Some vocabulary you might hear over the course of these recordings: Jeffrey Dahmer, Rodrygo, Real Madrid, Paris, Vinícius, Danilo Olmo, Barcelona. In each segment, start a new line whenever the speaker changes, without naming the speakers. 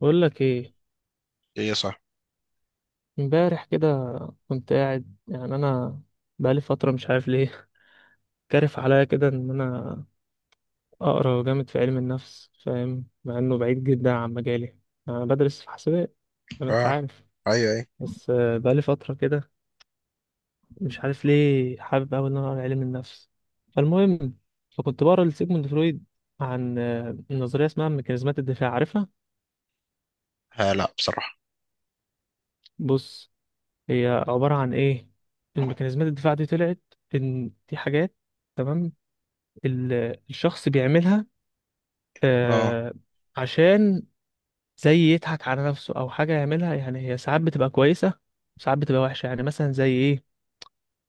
بقول لك ايه.
ايه صح.
امبارح كده كنت قاعد، انا بقالي فتره مش عارف ليه. كارف عليا كده ان انا اقرا جامد في علم النفس، فاهم؟ مع انه بعيد جدا عن مجالي، انا بدرس في حسابات زي ما انت
اه.
عارف.
ايوه، ايوه.
بس بقالي فتره كده مش عارف ليه حابب اوي ان انا اقرا علم النفس. فالمهم، فكنت بقرا لسيجموند فرويد عن نظريه اسمها ميكانيزمات الدفاع، عارفها؟
آه، لا بصراحة.
بص، هي عباره عن ايه؟ الميكانيزمات الدفاع دي طلعت ان دي حاجات، تمام؟ الشخص بيعملها
اه،
آه، عشان زي يضحك على نفسه او حاجه يعملها. يعني هي ساعات بتبقى كويسه، ساعات بتبقى وحشه. يعني مثلا زي ايه؟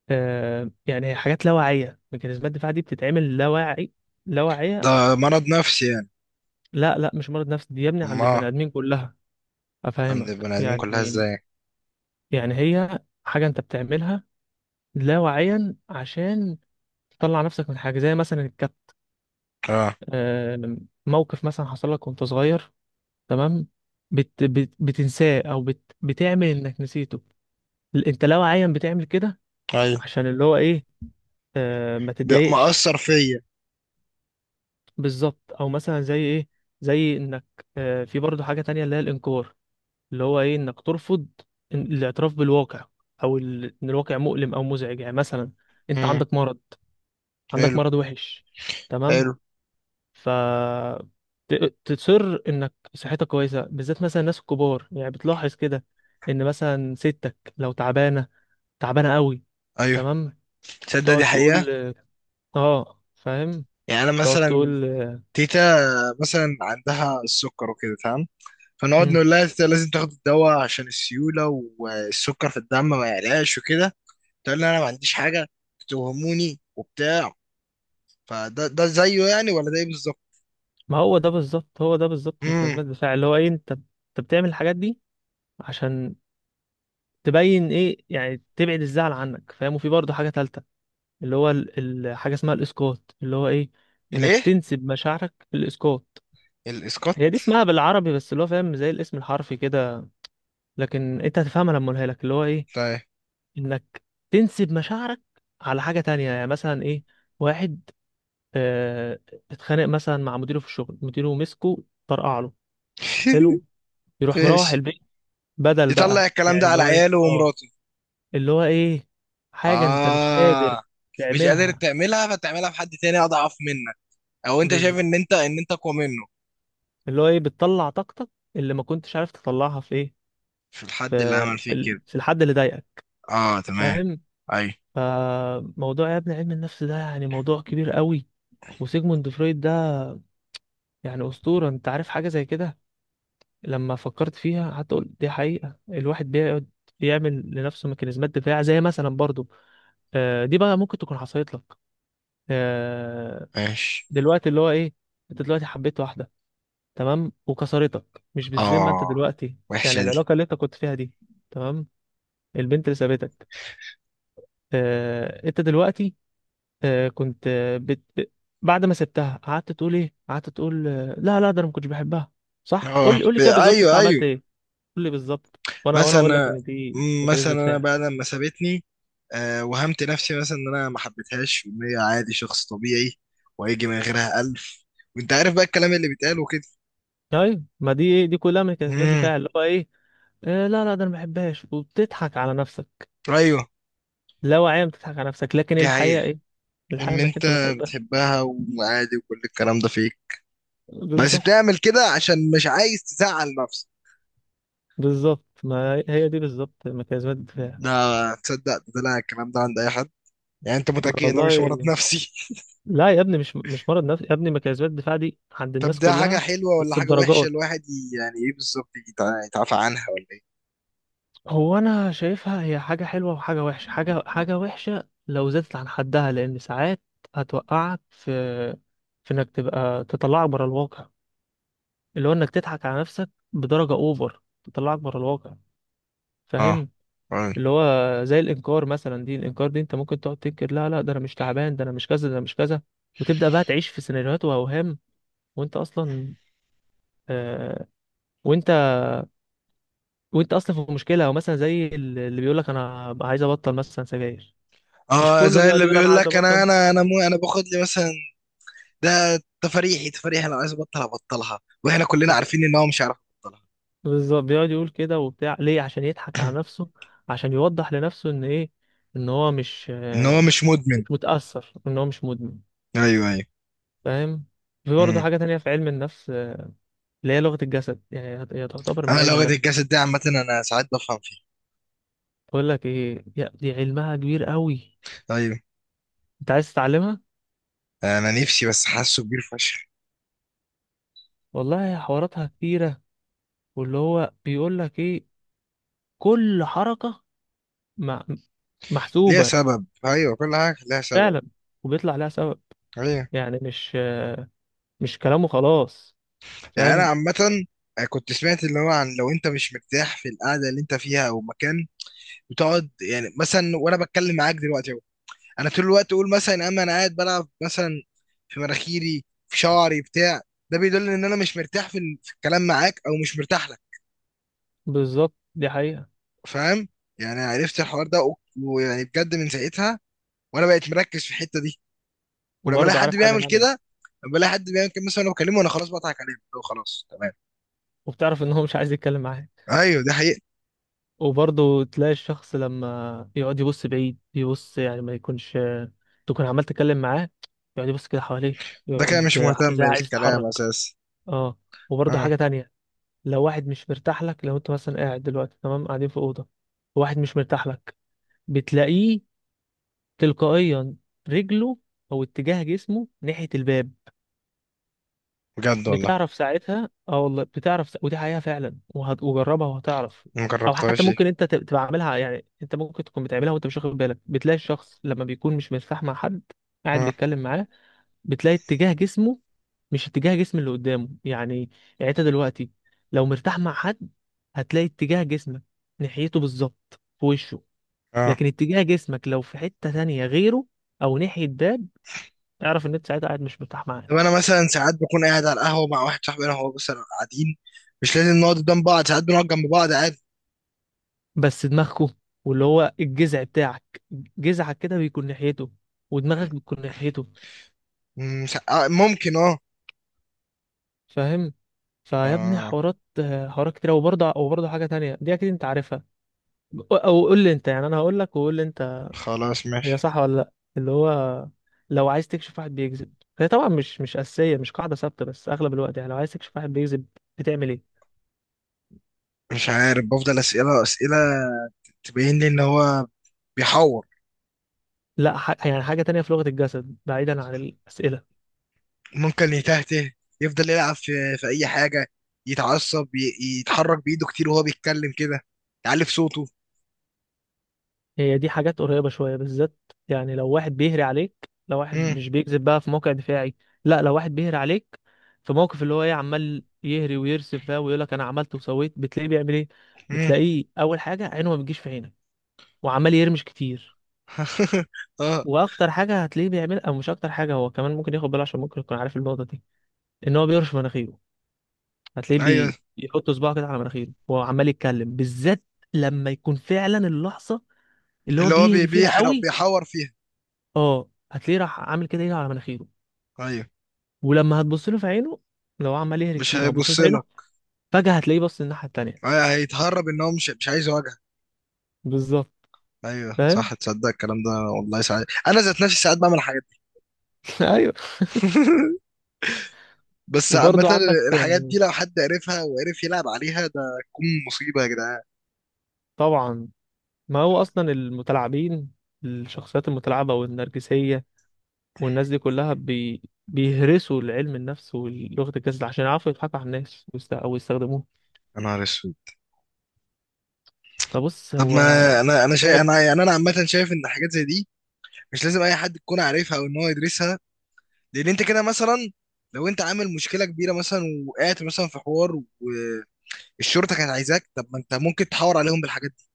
يعني هي حاجات لا واعيه، ميكانيزمات الدفاع دي بتتعمل لا واعي، لا واعيه.
ده مرض نفسي يعني؟
لا لا، مش مرض نفسي، دي يا ابني عند
ما
البني ادمين كلها.
عند
افهمك
البني ادمين كلها
يعني؟
ازاي؟
يعني هي حاجه انت بتعملها لا واعيا عشان تطلع نفسك من حاجه، زي مثلا الكت،
اه،
آه، موقف مثلا حصل لك وانت صغير، تمام؟ بت بتنساه او بتعمل انك نسيته. انت لو عيان بتعمل كده
ايوه.
عشان اللي هو ايه، ما
ده
تتضايقش.
مأثر فيا.
بالظبط، او مثلا زي ايه، زي انك في برضه حاجة تانية اللي هي الانكار، اللي هو ايه انك ترفض الاعتراف بالواقع، او ان الواقع مؤلم او مزعج. يعني مثلا انت
امم
عندك مرض، عندك
حلو.
مرض وحش، تمام؟
حلو.
ف تصر انك صحتك كويسه. بالذات مثلا الناس الكبار، يعني بتلاحظ كده ان مثلا ستك لو تعبانه، تعبانه قوي،
ايوه،
تمام؟
تصدق
تقعد
دي حقيقة؟
تقول، اه فاهم،
يعني انا
تقعد
مثلا،
تقول
تيتا مثلا عندها السكر وكده، تمام. فنقعد
مم.
نقول لها تيتا لازم تاخد الدواء عشان السيولة والسكر في الدم ما يعلاش وكده. تقول لي انا ما عنديش حاجة، تتوهموني وبتاع. فده زيه يعني، ولا ده ايه بالظبط؟
ما هو ده بالظبط، هو ده بالظبط
امم
ميكانيزمات الدفاع. اللي هو ايه، انت بتعمل الحاجات دي عشان تبين ايه، يعني تبعد الزعل عنك، فاهم؟ وفي برضه حاجه ثالثه اللي هو حاجه اسمها الاسقاط. اللي هو ايه، انك
الايه؟
تنسب مشاعرك للاسقاط. هي دي
الاسقاط؟
اسمها بالعربي، بس اللي هو فاهم زي الاسم الحرفي كده، لكن انت هتفهمها لما اقولها لك. اللي هو ايه، انك تنسب مشاعرك على حاجة تانية. يعني مثلا ايه؟ واحد اه اتخانق مثلا مع مديره في الشغل، مديره مسكه طرقع له، حلو، يروح مروح
ماشي.
البيت بدل
يطلع
بقى،
الكلام
يعني
ده
اللي
على
هو ايه
عياله
اه،
ومراته.
اللي هو ايه حاجة انت مش
اه،
قادر
مش قادر
تعملها،
تعملها، فتعملها في حد تاني اضعف منك، او انت شايف
بالظبط.
ان انت اقوى منه.
اللي هو ايه، بتطلع طاقتك اللي ما كنتش عارف تطلعها في ايه،
في الحد اللي عمل فيك كده.
في الحد اللي ضايقك،
اه، تمام.
فاهم؟
ايوه،
فموضوع يا ابني علم النفس ده يعني موضوع كبير قوي، وسيجموند فرويد ده يعني أسطورة، انت عارف حاجة زي كده؟ لما فكرت فيها حتى قلت دي حقيقة، الواحد بيقعد يعمل لنفسه ميكانيزمات دفاع. زي مثلا برضو دي بقى ممكن تكون حصلت لك، آه،
ماشي.
دلوقتي اللي هو ايه، انت دلوقتي حبيت واحدة، تمام؟ وكسرتك، مش بالذمة انت
اه،
دلوقتي، يعني
وحشة دي.
العلاقة اللي انت كنت فيها دي، تمام؟ البنت اللي سابتك، انت دلوقتي، آه، كنت آه، بت... ب- بعد ما سبتها قعدت تقول ايه، قعدت تقول لا لا، ده انا ما كنتش بحبها. صح؟ قول
اه،
لي، قول لي كده بالظبط، انت
ايوه
عملت
ايوه.
ايه؟ قول لي بالظبط، وانا اقول لك
مثلا،
ان دي
مثلا
ميكانيزم
انا
دفاع.
بعد ما سابتني، وهمت نفسي مثلا ان انا ما حبيتهاش وان هي عادي، شخص طبيعي، وهيجي من غيرها الف، وانت عارف بقى الكلام اللي بيتقال وكده.
ايوه، ما دي ايه، دي كلها ميكانيزمات
امم.
دفاع. اللي هو ايه، لا لا ده انا ما بحبهاش، وبتضحك على نفسك
ايوه،
لا واعية، بتضحك على نفسك، لكن
دي
الحقيقة
حقيقة.
ايه؟ الحقيقة
ان
انك
انت
انت بتحبها.
بتحبها، وعادي، وكل الكلام ده فيك. بس
بالظبط،
بتعمل كده عشان مش عايز تزعل نفسك.
بالظبط، ما هي دي بالظبط ميكانيزمات الدفاع.
ده تصدق ده لا الكلام ده عند اي حد؟ يعني انت
ما
متأكد ان ده مش مرض
والله
نفسي؟
لا يا ابني، مش مرض نفسي يا ابني، مكيزات الدفاع دي عند
طب
الناس
ده حاجة
كلها.
حلوة ولا
بس
حاجة وحشة؟
بدرجات،
الواحد يعني ايه بالظبط يتعافى عنها ولا ايه؟
هو انا شايفها هي حاجه حلوه وحاجه وحشه. حاجه وحشه لو زادت عن حدها، لان ساعات هتوقعك في انك تبقى، تطلعك بره الواقع. اللي هو انك تضحك على نفسك بدرجه اوفر، تطلعك بره الواقع،
اه،
فاهم؟
فاهم.
اللي هو زي الانكار مثلا. دي الانكار دي انت ممكن تقعد تنكر، لا لا ده انا مش تعبان، ده انا مش كذا، ده انا مش كذا، وتبدا بقى تعيش في سيناريوهات واوهام، وانت اصلا آه، وانت وانت اصلا في مشكله. او مثلا زي اللي بيقول لك انا عايز ابطل مثلا سجاير، مش
اه،
كله
زي
بيقعد
اللي
يقول انا
بيقول
عايز
لك انا
ابطل؟
انا انا مو انا باخد لي مثلا. ده تفريحي، تفريحي. لو عايز ابطل هبطلها، واحنا كلنا
طب
عارفين ان هو مش عارف يبطلها.
بالظبط، بيقعد يقول كده وبتاع ليه؟ عشان يضحك على نفسه، عشان يوضح لنفسه ان ايه، ان هو مش
ان هو مش
مش
مدمن.
متاثر، ان هو مش مدمن،
ايوه.
فاهم؟ في برضه
ايوه.
حاجه تانية في علم النفس اللي هي لغه الجسد، يعني هي تعتبر من
انا
علم
لو غدا
النفس.
الجسد ده عامه، انا ساعات بفهم فيه.
بقول لك ايه دي علمها كبير قوي،
ايوه.
انت عايز تتعلمها؟
انا نفسي، بس حاسه كبير فشخ.
والله حواراتها كتيره، واللي هو بيقول لك ايه، كل حركه م-
ليها
محسوبة.
سبب، ايوه، كل حاجه ليها سبب.
فعلا، وبيطلع لها سبب.
ايوه،
يعني مش، مش كلامه خلاص،
يعني انا
فاهم؟
عامه، كنت سمعت اللي هو عن لو انت مش مرتاح في القعده اللي انت فيها او مكان بتقعد. يعني مثلا وانا بتكلم معاك دلوقتي اهو، انا طول الوقت اقول مثلا اما انا قاعد بلعب مثلا في مناخيري، في شعري، بتاع. ده بيدل ان انا مش مرتاح في في الكلام معاك، او مش مرتاح لك.
بالظبط، دي حقيقة.
فاهم؟ يعني عرفت الحوار ده، ويعني بجد من ساعتها وانا بقيت مركز في الحته دي. ولما الاقي
وبرضه
حد
عارف حاجة
بيعمل كده،
تانية،
لما الاقي حد بيعمل كده مثلا انا بكلمه، انا خلاص بضحك عليه، اللي هو خلاص تمام.
وبتعرف ان هو مش عايز يتكلم معاك.
ايوه، دي حقيقة.
وبرضه تلاقي الشخص لما يقعد يبص بعيد، يبص يعني ما يكونش تكون عمال تتكلم معاه، يقعد يبص كده حواليه،
ده كده مش
يقعد
مهتم
زي عايز
بالكلام
يتحرك.
اساسا.
اه، وبرضه
اه،
حاجة تانية، لو واحد مش مرتاح لك، لو انت مثلا قاعد دلوقتي، تمام، قاعدين في أوضة، واحد مش مرتاح لك، بتلاقيه تلقائيا رجله او اتجاه جسمه ناحية الباب.
بجد والله.
بتعرف ساعتها، اه والله بتعرف ودي حقيقة فعلا، وهتجربها وهتعرف.
ما
او
جربتهاش
حتى
دي.
ممكن انت تبقى عاملها، يعني انت ممكن تكون بتعملها وانت مش واخد بالك. بتلاقي الشخص لما بيكون مش مرتاح مع حد، قاعد
اه.
بيتكلم معاه، بتلاقي اتجاه جسمه مش اتجاه جسم اللي قدامه. يعني يعني انت دلوقتي لو مرتاح مع حد، هتلاقي اتجاه جسمك ناحيته بالظبط في وشه،
اه.
لكن اتجاه جسمك لو في حتة تانية غيره او ناحية باب، اعرف ان انت ساعتها قاعد مش مرتاح معاه.
طب انا مثلا ساعات بكون قاعد على القهوة مع واحد صاحبي، انا هو مثلا قاعدين، مش لازم نقعد قدام بعض، ساعات بنقعد جنب بعض عادي.
بس دماغكو واللي هو الجذع بتاعك، جذعك كده بيكون ناحيته، ودماغك بتكون ناحيته،
ممكن. اه.
فاهم؟ فيا ابني
اه،
حوارات، حوارات كتير. وبرضه حاجة تانية دي اكيد انت عارفها، او أو قول لي انت، يعني انا هقول لك وقول لي انت
خلاص
هي
ماشي.
صح ولا لا. اللي هو لو عايز تكشف واحد بيكذب، هي طبعا مش أساسية، مش قاعدة ثابتة، بس اغلب الوقت. يعني لو عايز تكشف واحد بيكذب، بتعمل ايه؟
مش عارف، بفضل اسئلة اسئلة تبين لي ان هو بيحور.
لا ح... يعني حاجة تانية في لغة الجسد بعيدا عن الأسئلة.
ممكن يتهته، يفضل يلعب في اي حاجه، يتعصب، يتحرك بايده كتير وهو بيتكلم كده، يعلي في صوته.
هي دي حاجات قريبة شوية بالذات، يعني لو واحد بيهري عليك، لو واحد
امم.
مش بيكذب، بقى في موقع دفاعي. لا، لو واحد بيهري عليك في موقف، اللي هو ايه، عمال يهري ويرسم فيها ويقول لك انا عملت وسويت، بتلاقيه بيعمل ايه؟
امم.
بتلاقيه اول حاجة عينه ما بتجيش في عينك، وعمال يرمش كتير.
اه،
واكتر حاجة هتلاقيه بيعمل، او مش اكتر حاجة، هو كمان ممكن ياخد باله عشان ممكن يكون عارف النقطة دي، ان هو بيرش مناخيره. هتلاقيه
ايوه.
بيحط صباعه كده على مناخيره وهو عمال يتكلم، بالذات لما يكون فعلا اللحظة اللي هو
اللي هو بي-
بيهري فيها
بيحرق
قوي.
بيحور فيها.
اه، هتلاقيه راح عامل كده ايده على مناخيره.
ايوه،
ولما هتبص له في عينه، لو عمال يهري
مش
كتير هتبص له
هيبص
في
لك.
عينه، فجأة هتلاقيه بص الناحية التانية.
ايوه، هيتهرب، ان هو مش عايز يواجهك.
بالظبط،
ايوه،
فاهم؟
صح، تصدق الكلام ده؟ والله، ساعات انا ذات نفسي ساعات بعمل الحاجات دي.
ايوه.
بس عامة،
وبرضه عندك،
الحاجات دي لو حد عرفها وعرف يلعب عليها، ده تكون مصيبة يا جدعان.
طبعا، ما هو اصلا المتلاعبين، الشخصيات المتلاعبة والنرجسية والناس دي كلها بيهرسوا العلم النفس ولغة الجسد عشان يعرفوا يضحكوا على الناس او يستخدموه.
يا نهار اسود.
فبص
طب
هو
ما انا شايف.
مصايب.
انا يعني انا عامه شايف ان حاجات زي دي مش لازم اي حد يكون عارفها او ان هو يدرسها. لان انت كده مثلا، لو انت عامل مشكله كبيره مثلا، وقعت مثلا في حوار والشرطه كانت عايزاك، طب ما انت ممكن تحاور عليهم بالحاجات دي.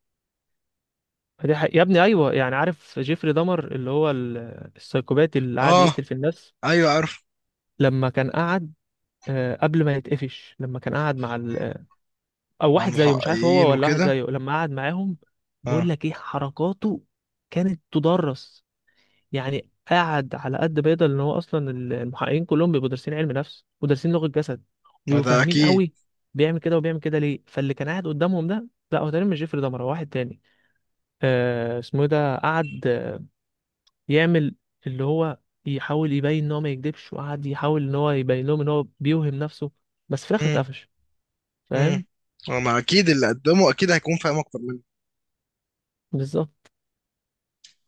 فدي حقيقة. يا ابني ايوه، يعني عارف جيفري دمر اللي هو السايكوباتي اللي قاعد
اه،
يقتل في الناس؟
ايوه عارف.
لما كان قعد قبل ما يتقفش، لما كان قعد مع او
مع
واحد زيه، مش عارف
المحققين
هو ولا واحد
وكده.
زيه، لما قعد معاهم، بقول
اه،
لك ايه، حركاته كانت تدرس. يعني قعد على قد ما يقدر، ان هو اصلا المحققين كلهم بيبقوا دارسين علم نفس ودارسين لغة جسد،
ما
وبيبقوا
ده
فاهمين
اكيد.
قوي. بيعمل كده وبيعمل كده ليه؟ فاللي كان قاعد قدامهم ده، لا هو تقريبا مش جيفري دمر، هو واحد تاني، آه اسمه ايه ده، قعد يعمل اللي هو يحاول يبين ان هو ما يكدبش، وقعد يحاول ان هو يبين لهم ان هو بيوهم نفسه، بس في الاخر
امم.
اتقفش،
امم.
فاهم؟
ما اكيد اللي قدمه اكيد هيكون فاهم اكتر مني.
بالظبط.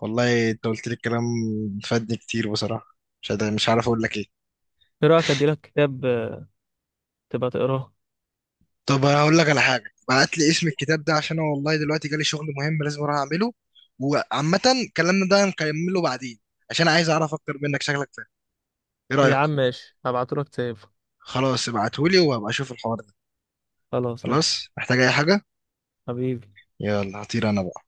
والله انت قلت لي الكلام، فادني كتير بصراحه. مش عارف اقول لك ايه.
ايه رايك اديلك كتاب تبقى تقراه؟
طب انا اقول لك على حاجه، بعت لي اسم الكتاب ده عشان انا والله دلوقتي جالي شغل مهم لازم اروح اعمله، وعامه كلامنا ده نكمله بعدين، عشان عايز اعرف اكتر منك، شكلك فاهم. ايه رايك؟
يا عم ماشي، هبعتهولك تسيب.
خلاص، ابعتهولي وهبقى اشوف الحوار ده.
خلاص ماشي،
خلاص، محتاج اي حاجه؟
حبيبي.
يلا هطير انا بقى.